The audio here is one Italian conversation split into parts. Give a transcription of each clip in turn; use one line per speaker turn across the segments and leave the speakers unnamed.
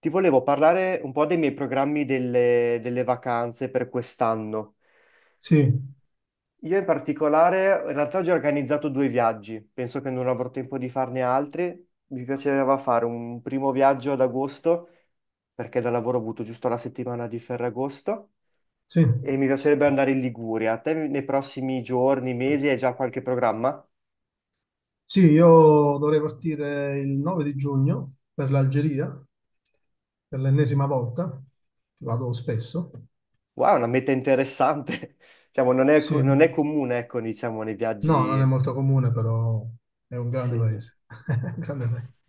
Ti volevo parlare un po' dei miei programmi delle vacanze per quest'anno.
Sì,
Io in particolare, in realtà ho già organizzato due viaggi, penso che non avrò tempo di farne altri. Mi piaceva fare un primo viaggio ad agosto, perché da lavoro ho avuto giusto la settimana di Ferragosto,
sì,
e mi piacerebbe andare in Liguria. Te nei prossimi giorni, mesi, hai già qualche programma?
sì, io dovrei partire il 9 di giugno per l'Algeria, per l'ennesima volta, vado spesso.
Wow, una meta interessante. Diciamo, non è, co-
Sì,
non è
no,
comune, ecco, diciamo, nei
non è
viaggi.
molto comune, però è un grande
Sì.
paese. Un grande paese.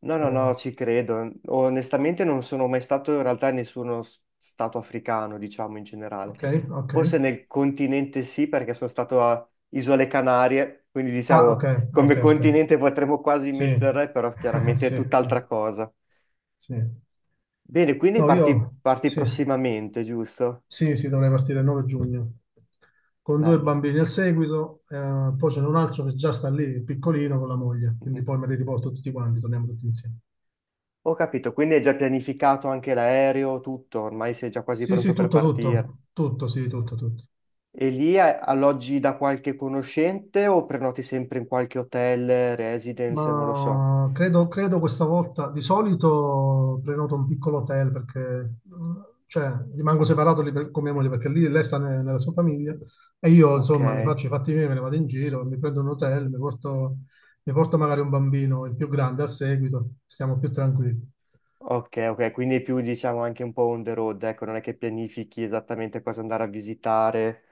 No, no,
Eh,
no, ci credo. Onestamente non sono mai stato in realtà in nessuno stato africano, diciamo in generale.
ok, ok.
Forse nel continente sì, perché sono stato a Isole Canarie, quindi
Ah, ok,
diciamo come
ok, ok.
continente potremmo quasi
Sì,
mettere, però chiaramente è
sì, sì,
tutt'altra cosa.
sì.
Bene, quindi
No,
parti,
io,
parti
sì.
prossimamente, giusto?
Sì, sì, dovrei partire il 9 giugno con due
Bello.
bambini al seguito, poi c'è un altro che già sta lì, piccolino, con la moglie, quindi
Mhm.
poi me li riporto tutti quanti, torniamo tutti insieme.
Ho capito, quindi hai già pianificato anche l'aereo, tutto, ormai sei già quasi
Sì,
pronto
sì,
per
tutto,
partire.
tutto, tutto, sì, tutto, tutto.
E lì alloggi da qualche conoscente o prenoti sempre in qualche hotel, residence, non lo so.
Ma credo questa volta, di solito prenoto un piccolo hotel perché cioè, rimango separato lì con mia moglie perché lì lei sta nella sua famiglia e io
Ok,
insomma mi faccio i fatti miei, me ne vado in giro, mi prendo un hotel, mi porto magari un bambino, il più grande a seguito, stiamo più tranquilli.
ok, ok, quindi è più diciamo anche un po' on the road, ecco, non è che pianifichi esattamente cosa andare a visitare.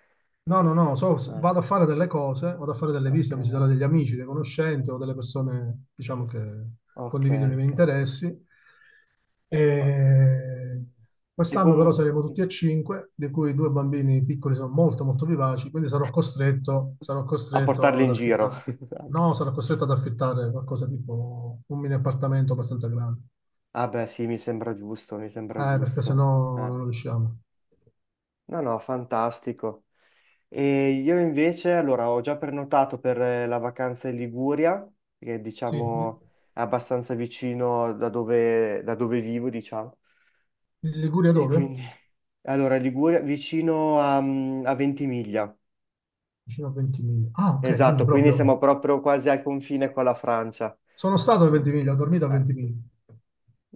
No, no, no,
Ah,
vado a fare delle cose, vado a fare delle visite,
ok,
a visitare degli amici, dei conoscenti o delle persone, diciamo, che
ok,
condividono i miei
ok.
interessi.
Ma-
E
E
quest'anno però
com-
saremo tutti e cinque, di cui i due bambini piccoli sono molto molto vivaci, quindi sarò costretto, sarò
a
costretto
portarli
ad
in giro.
affittare,
anche.
no, sarò costretto ad affittare qualcosa tipo un mini appartamento abbastanza grande,
Ah beh, sì, mi sembra giusto, mi sembra
perché
giusto.
sennò
Eh.
non riusciamo.
No, no, fantastico. E io invece, allora, ho già prenotato per la vacanza in Liguria, che
Sì, in
diciamo è abbastanza vicino da dove vivo, diciamo.
Liguria
E
dove?
quindi, allora, Liguria vicino a Ventimiglia.
Vicino a Ventimiglia. Ah, ok, quindi
Esatto, quindi
proprio.
siamo proprio quasi al confine con la Francia.
Sono stato a
Mm.
Ventimiglia, ho dormito a
Eh,
Ventimiglia.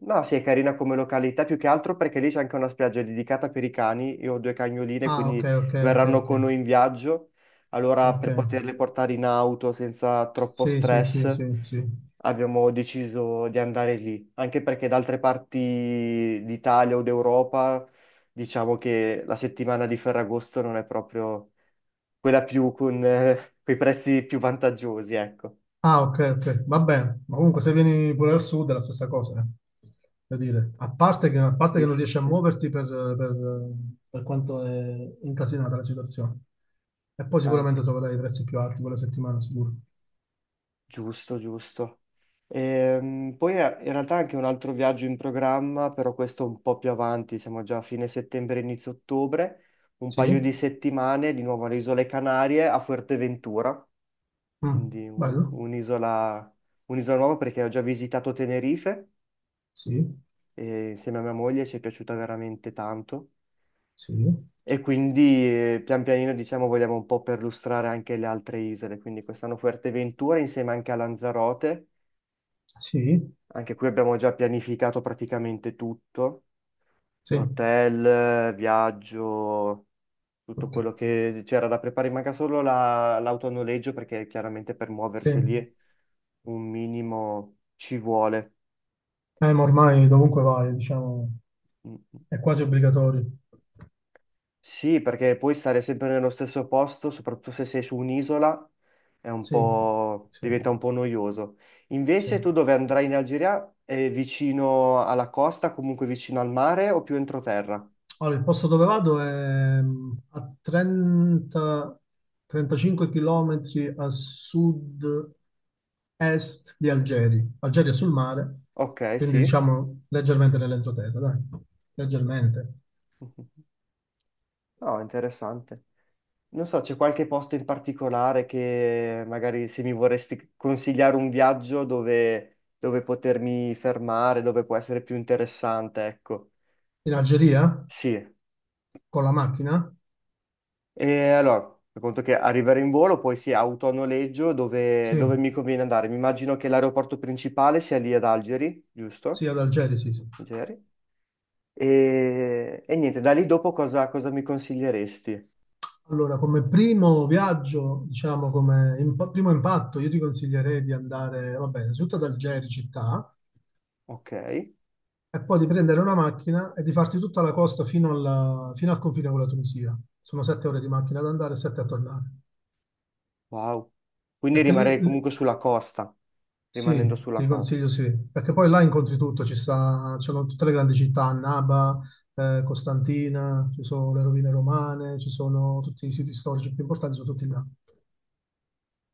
No, sì, è carina come località, più che altro perché lì c'è anche una spiaggia dedicata per i cani. Io ho due cagnoline,
Ah, ok,
quindi
ok, ok,
verranno
ok.
con noi in viaggio. Allora,
Ok.
per poterle portare in auto senza troppo
Sì, sì, sì,
stress,
sì, sì.
abbiamo deciso di andare lì. Anche perché da altre parti d'Italia o d'Europa, diciamo che la settimana di Ferragosto non è proprio quella più con, quei prezzi più vantaggiosi, ecco.
Ah, ok, ok, va bene. Ma comunque se vieni pure al sud è la stessa cosa, eh. Voglio dire, a parte che, a parte
Sì,
che non
sì, sì,
riesci a
sì.
muoverti per, per- per quanto è incasinata la situazione. E poi sicuramente
Anche.
troverai i prezzi più alti quella settimana, sicuro.
Giusto, giusto. Poi in realtà anche un altro viaggio in programma, però questo un po' più avanti, siamo già a fine settembre, inizio ottobre, un paio di
Sì?
settimane di nuovo alle Isole Canarie a Fuerteventura,
Mm,
quindi un-
bello?
un'isola un'isola nuova perché ho già visitato Tenerife
Sì,
e insieme a mia moglie ci è piaciuta veramente tanto
sì,
e quindi pian pianino diciamo vogliamo un po' perlustrare anche le altre isole, quindi quest'anno Fuerteventura insieme anche a Lanzarote.
sì,
Anche qui abbiamo già pianificato praticamente tutto,
sì,
hotel, viaggio, tutto
ok.
quello che c'era da preparare, manca solo l'auto a noleggio perché chiaramente per
Sì.
muoversi lì un minimo ci vuole.
Ma ormai dovunque vai, diciamo,
Mm. Mm.
è quasi obbligatorio.
Sì, perché poi stare sempre nello stesso posto, soprattutto se sei su un'isola,
Sì, sì,
diventa un po' noioso.
sì.
Invece tu dove andrai in Algeria? È vicino alla costa, comunque vicino al mare o più entroterra?
Allora, il posto dove vado è a 30, 35 km a sud-est di Algeri. Algeri è sul mare,
Ok,
quindi
sì.
diciamo leggermente nell'entroterra, dai. Leggermente.
No, interessante. Non so, c'è qualche posto in particolare che magari se mi vorresti consigliare un viaggio dove potermi fermare, dove può essere più interessante, ecco.
In Algeria?
Sì.
Con la macchina?
E allora, per conto che arrivare in volo, poi sì, auto a noleggio, dove,
Sì,
dove mi conviene andare? Mi immagino che l'aeroporto principale sia lì ad Algeri,
sì,
giusto?
ad Algeri, sì, sì.
Algeri. E niente, da lì dopo cosa mi consiglieresti?
Allora, come primo viaggio, diciamo come primo impatto, io ti consiglierei di andare, vabbè, innanzitutto ad Algeri città,
Ok.
e poi di prendere una macchina e di farti tutta la costa fino al confine con la Tunisia. Sono 7 ore di macchina ad andare e sette a tornare.
Wow. Quindi
Perché lì,
rimarrei
lì-
comunque sulla costa, rimanendo
sì,
sulla
ti
costa.
consiglio sì, perché poi là incontri tutto, ci sta, ci sono tutte le grandi città, Annaba, Costantina, ci sono le rovine romane, ci sono tutti i siti storici più importanti, sono tutti là.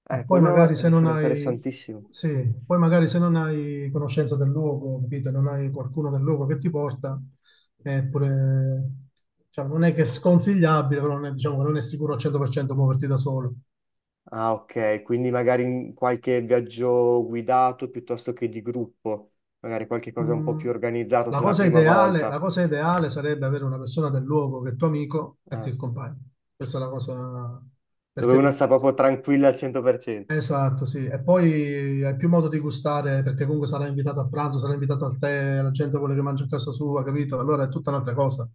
E
Eh,
poi
quello
magari se non
sarà
hai,
interessantissimo.
Sì, poi magari se non hai conoscenza del luogo, capito, non hai qualcuno del luogo che ti porta, è pure, cioè, non è che è sconsigliabile, però non è, diciamo che non è sicuro al 100% muoverti da solo.
Ah, ok, quindi magari in qualche viaggio guidato piuttosto che di gruppo, magari qualche cosa un po' più
Mm,
organizzato
la
se è la
cosa
prima
ideale, la
volta.
cosa ideale sarebbe avere una persona del luogo che è tuo amico e
Ah,
ti accompagna. Questa è la cosa,
dove uno
perché
sta proprio tranquilla al 100%.
Esatto, sì. E poi hai più modo di gustare perché comunque sarà invitato a pranzo, sarà invitato al tè, la gente vuole che mangi a casa sua, capito? Allora è tutta un'altra cosa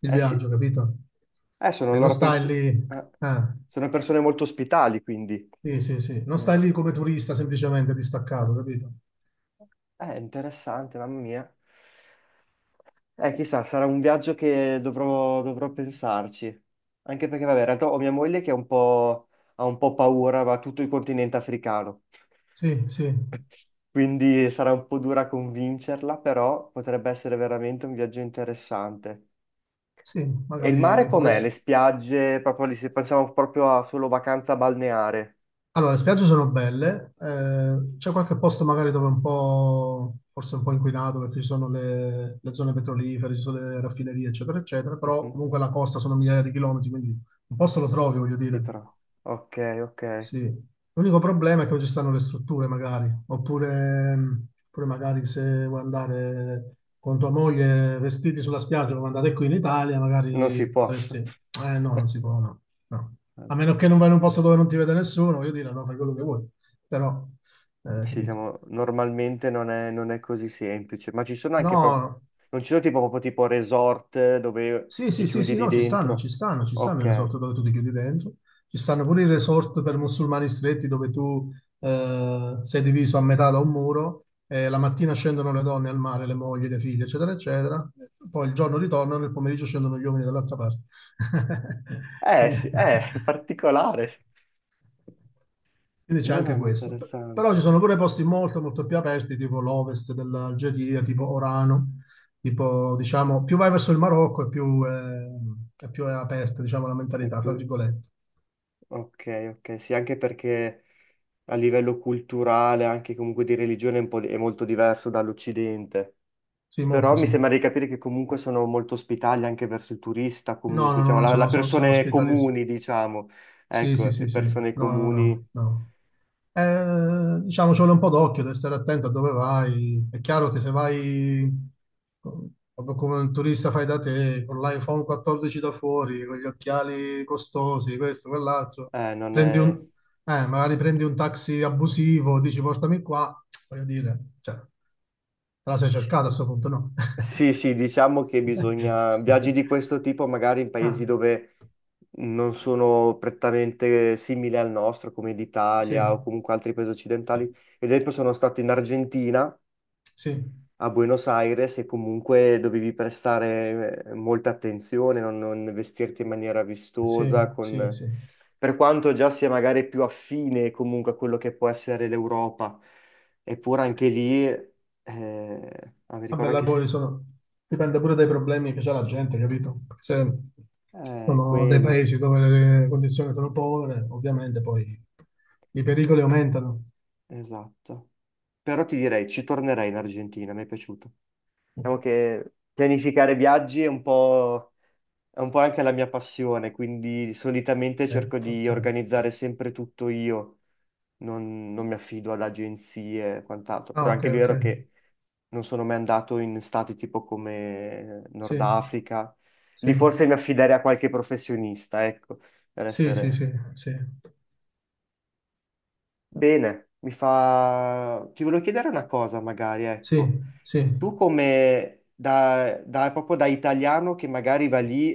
il
Eh
viaggio,
sì,
capito?
eh, sono
E non
loro
stai
perso-
lì,
eh,
eh,
sono persone molto ospitali, quindi.
sì, sì, sì, non
Eh,
stai lì come turista semplicemente
eh,
distaccato, capito?
è interessante, mamma mia. Chissà, sarà un viaggio che dovrò pensarci. Anche perché, vabbè, in realtà ho mia moglie che ha un po' paura, va tutto il continente africano.
Sì, sì,
Quindi sarà un po' dura convincerla, però potrebbe essere veramente un viaggio interessante.
sì,
E il mare
magari
com'è? Le
potresti.
spiagge, proprio lì, se pensiamo proprio a solo vacanza balneare.
Allora, le spiagge sono belle, c'è qualche posto magari dove è un po', forse un po' inquinato perché ci sono le zone petrolifere, ci sono le raffinerie, eccetera, eccetera, però
Mhm,
comunque la costa sono migliaia di chilometri, quindi un posto lo trovi, voglio
si
dire.
trova. Ok, ok.
Sì, l'unico problema è che non ci stanno le strutture, magari, oppure magari se vuoi andare con tua moglie vestiti sulla spiaggia come andate qui in Italia,
Non
magari
si può.
potresti. Eh no, non si può, no, no. A meno che non vai in un posto dove non ti vede nessuno, voglio dire, no, fai quello che vuoi. Però,
Sì,
capito.
diciamo, normalmente non è così semplice, ma ci sono anche proprio,
No,
non ci sono tipo, proprio tipo resort dove
sì,
ti
sì, sì,
chiudi
sì,
lì
no, ci stanno,
dentro.
ci stanno, ci stanno i resort
Ok.
dove tu ti chiudi dentro, ci stanno pure i resort per musulmani stretti dove tu sei diviso a metà da un muro e la mattina scendono le donne al mare, le mogli, le figlie, eccetera, eccetera, poi il giorno ritornano, nel pomeriggio scendono gli uomini dall'altra parte.
Eh,
Quindi...
sì, è particolare.
Quindi c'è
No, no,
anche
non
questo. Però
interessante.
ci sono pure posti molto, molto più aperti, tipo l'ovest dell'Algeria, tipo Orano, tipo, diciamo, più vai verso il Marocco e e più è aperta, diciamo, la
È
mentalità, tra
più.
virgolette.
Ok, ok, sì, anche perché a livello culturale, anche comunque di religione, è, un po' di- è molto diverso dall'Occidente.
Sì,
Però
molto
mi
sì.
sembra di capire che comunque sono molto ospitali anche verso il turista,
No,
comunque,
no, no,
diciamo,
no,
la
sono
persone
ospitali.
comuni, diciamo.
Sì,
Ecco,
sì,
le
sì, sì.
persone
No, no,
comuni
no, no. Diciamo, ci vuole un po' d'occhio, devi stare attento a dove vai. È chiaro che se vai co- proprio come un turista fai da te, con l'iPhone 14 da fuori, con gli occhiali costosi, questo, quell'altro,
non è.
magari prendi un taxi abusivo, dici portami qua, voglio dire, cioè, te la sei cercata a questo punto, no?
Sì, sì, diciamo che bisogna. Viaggi di questo tipo magari in
Ah,
paesi dove non sono prettamente simili al nostro, come
sì,
l'Italia o comunque altri paesi occidentali. Ad esempio sono stato in Argentina
sì,
a Buenos Aires e comunque dovevi prestare molta attenzione, non vestirti in maniera vistosa,
sì, sì,
con-
sì.
Per quanto già sia magari più affine comunque a quello che può essere l'Europa, eppure anche lì, mi
Vabbè,
ricordo
là
anche se.
poi dipende pure dai problemi che c'ha la gente, capito? Perché se
Eh,
sono dei
quello,
paesi dove le condizioni sono povere, ovviamente poi i pericoli aumentano.
esatto. Però ti direi, ci tornerei in Argentina, mi è piaciuto. Diciamo che pianificare viaggi è un po'. È un po' anche la mia passione, quindi solitamente cerco
Ok, ok.
di organizzare sempre tutto io, non mi affido ad agenzie e quant'altro,
Ah,
però è
ok,
anche
ok.
vero che non sono mai andato in stati tipo come
Sì,
Nord Africa,
sì,
lì forse mi affiderei a qualche professionista, ecco, per
sì, sì,
essere.
sì, sì,
Bene, mi fa. Ti volevo chiedere una cosa magari,
sì,
ecco.
sì,
Tu come proprio da italiano che magari va lì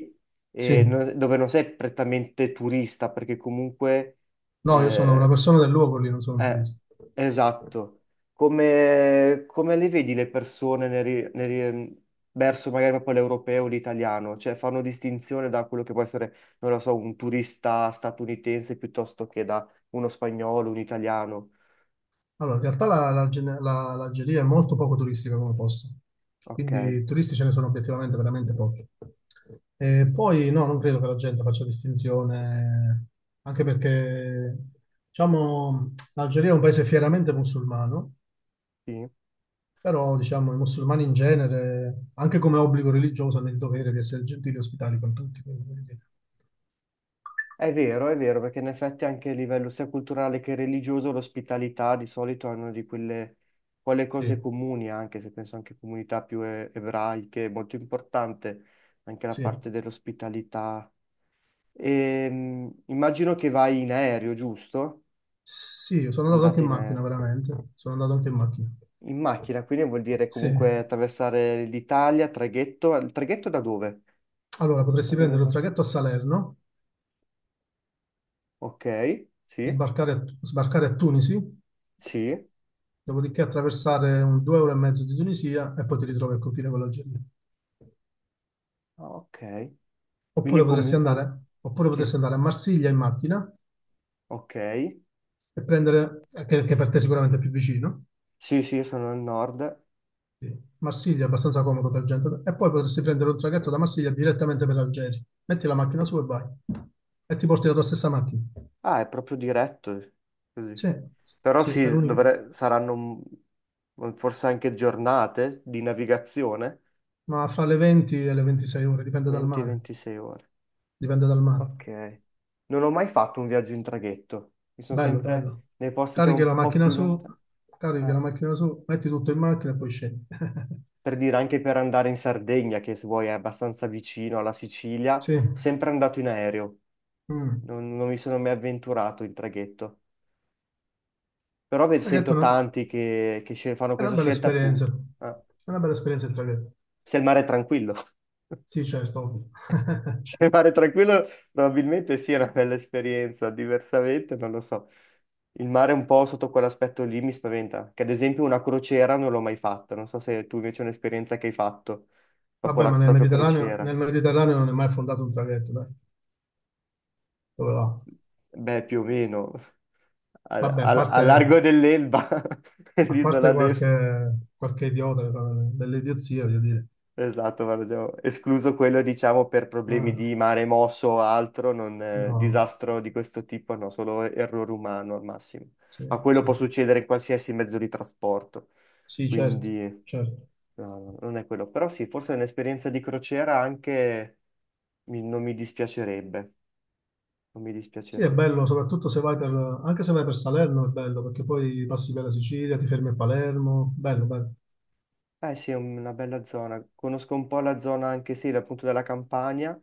sì.
dove non sei prettamente turista, perché comunque
No, io sono una
eh,
persona del luogo lì, non sono un
eh,
turista.
esatto, come le vedi le persone nel ri- verso magari proprio l'europeo o l'italiano? Cioè fanno distinzione da quello che può essere, non lo so, un turista statunitense piuttosto che da uno spagnolo, un italiano.
Allora, in realtà l'Algeria è molto poco turistica come posto,
Ok,
quindi turisti ce ne sono obiettivamente veramente pochi. E poi no, non credo che la gente faccia distinzione, anche perché, diciamo, l'Algeria è un paese fieramente musulmano,
sì.
però, diciamo, i musulmani in genere, anche come obbligo religioso, hanno il dovere di essere gentili e ospitali con tutti. Quindi, voglio dire.
È vero, perché in effetti anche a livello sia culturale che religioso l'ospitalità di solito è una di quelle cose
Sì,
comuni, anche se penso anche a comunità più ebraiche, è molto importante anche la
sì,
parte dell'ospitalità. Immagino che vai in aereo, giusto?
sì, sono andato anche
Andate
in
in
macchina,
aereo.
veramente, sono andato anche in macchina.
In macchina, quindi vuol dire
Sì.
comunque attraversare l'Italia, traghetto. Il traghetto da dove?
Allora,
Da
potresti
dove
prendere un
parte?
traghetto a Salerno,
Ok, sì,
sbarcare a Tunisi,
sì,
dopodiché attraversare un due ore e mezzo di Tunisia e poi ti ritrovi al confine con l'Algeria.
ah, ok. Quindi
Oppure potresti
comunque,
andare, oppure potresti
sì.
andare a Marsiglia in macchina
Ok.
e prendere, che per te sicuramente è più vicino,
Sì, sì, sono al nord.
sì. Marsiglia è abbastanza comodo per gente, e poi potresti prendere un traghetto da Marsiglia direttamente per l'Algeria. Metti la macchina su e vai. E ti porti la tua stessa macchina.
Ah, è proprio diretto, così.
Sì,
Però
sì, è
sì,
l'unico.
saranno forse anche giornate di navigazione,
Ma fra le 20 e le 26 ore, dipende dal mare.
20-26 ore.
Dipende dal mare.
Ok. Non ho mai fatto un viaggio in traghetto. Mi sono
Bello,
sempre
bello.
nei posti, diciamo,
Carichi la
un po'
macchina
più
su,
lontani.
carichi
Eh,
la macchina su, metti tutto in macchina e poi scendi.
Per dire, anche per andare in Sardegna, che se vuoi è abbastanza vicino alla Sicilia,
Sì,
sempre andato in aereo.
mm.
Non mi sono mai avventurato in traghetto. Però
Traghetto
sento
no?
tanti che fanno
È una
questa
bella
scelta
esperienza.
appunto. Ah,
È una bella esperienza il traghetto.
se il mare è tranquillo.
Sì, certo, ovvio.
Se il mare è tranquillo, probabilmente sì, è una bella esperienza. Diversamente, non lo so. Il mare un po' sotto quell'aspetto lì mi spaventa. Che ad esempio una crociera non l'ho mai fatta. Non so se tu invece è un'esperienza che hai fatto. Dopo
Vabbè,
la
ma
proprio crociera.
Nel Mediterraneo non è mai fondato un traghetto, dai. Dove va?
Beh, più o meno. Al,
Vabbè, a
al- al largo
parte,
dell'Elba,
a parte
l'isola del.
qualche idiota che fa delle idiozie, voglio dire.
Esatto, guarda, abbiamo escluso quello, diciamo, per problemi di
Ah,
mare mosso o altro, non,
no,
disastro di questo tipo, no, solo errore umano al massimo.
sì,
Ma quello
sì.
può succedere in qualsiasi mezzo di trasporto,
Sì, certo,
quindi
certo.
no, no, no, non è quello. Però sì, forse un'esperienza di crociera anche non mi dispiacerebbe, non mi
Sì, è
dispiacerebbe.
bello, soprattutto se vai per, anche se vai per Salerno è bello, perché poi passi per la Sicilia, ti fermi a Palermo, bello, bello.
Eh sì, è una bella zona, conosco un po' la zona anche sì, appunto della Campania.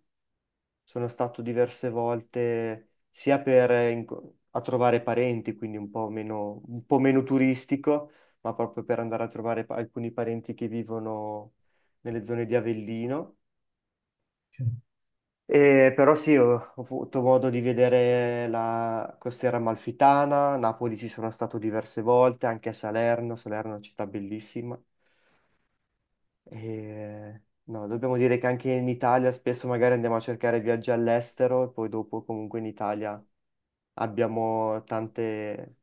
Sono stato diverse volte sia per a trovare parenti, quindi un po' meno turistico, ma proprio per andare a trovare alcuni parenti che vivono nelle zone di Avellino.
Ok.
E però sì, ho avuto modo di vedere la costiera amalfitana, Napoli ci sono stato diverse volte, anche a Salerno, Salerno è una città bellissima. E, no, dobbiamo dire che anche in Italia spesso magari andiamo a cercare viaggi all'estero e poi dopo comunque in Italia abbiamo tante,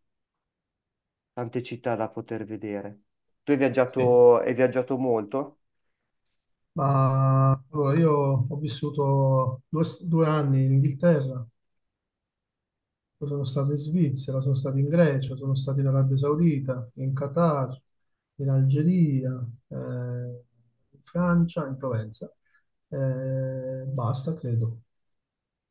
tante città da poter vedere. Tu hai
Sì.
viaggiato, hai viaggiato molto?
Ma allora io ho vissuto due anni in Inghilterra, poi sono stato in Svizzera, sono stato in Grecia, sono stato in Arabia Saudita, in Qatar, in Algeria, in Francia, in Provenza. Basta, credo.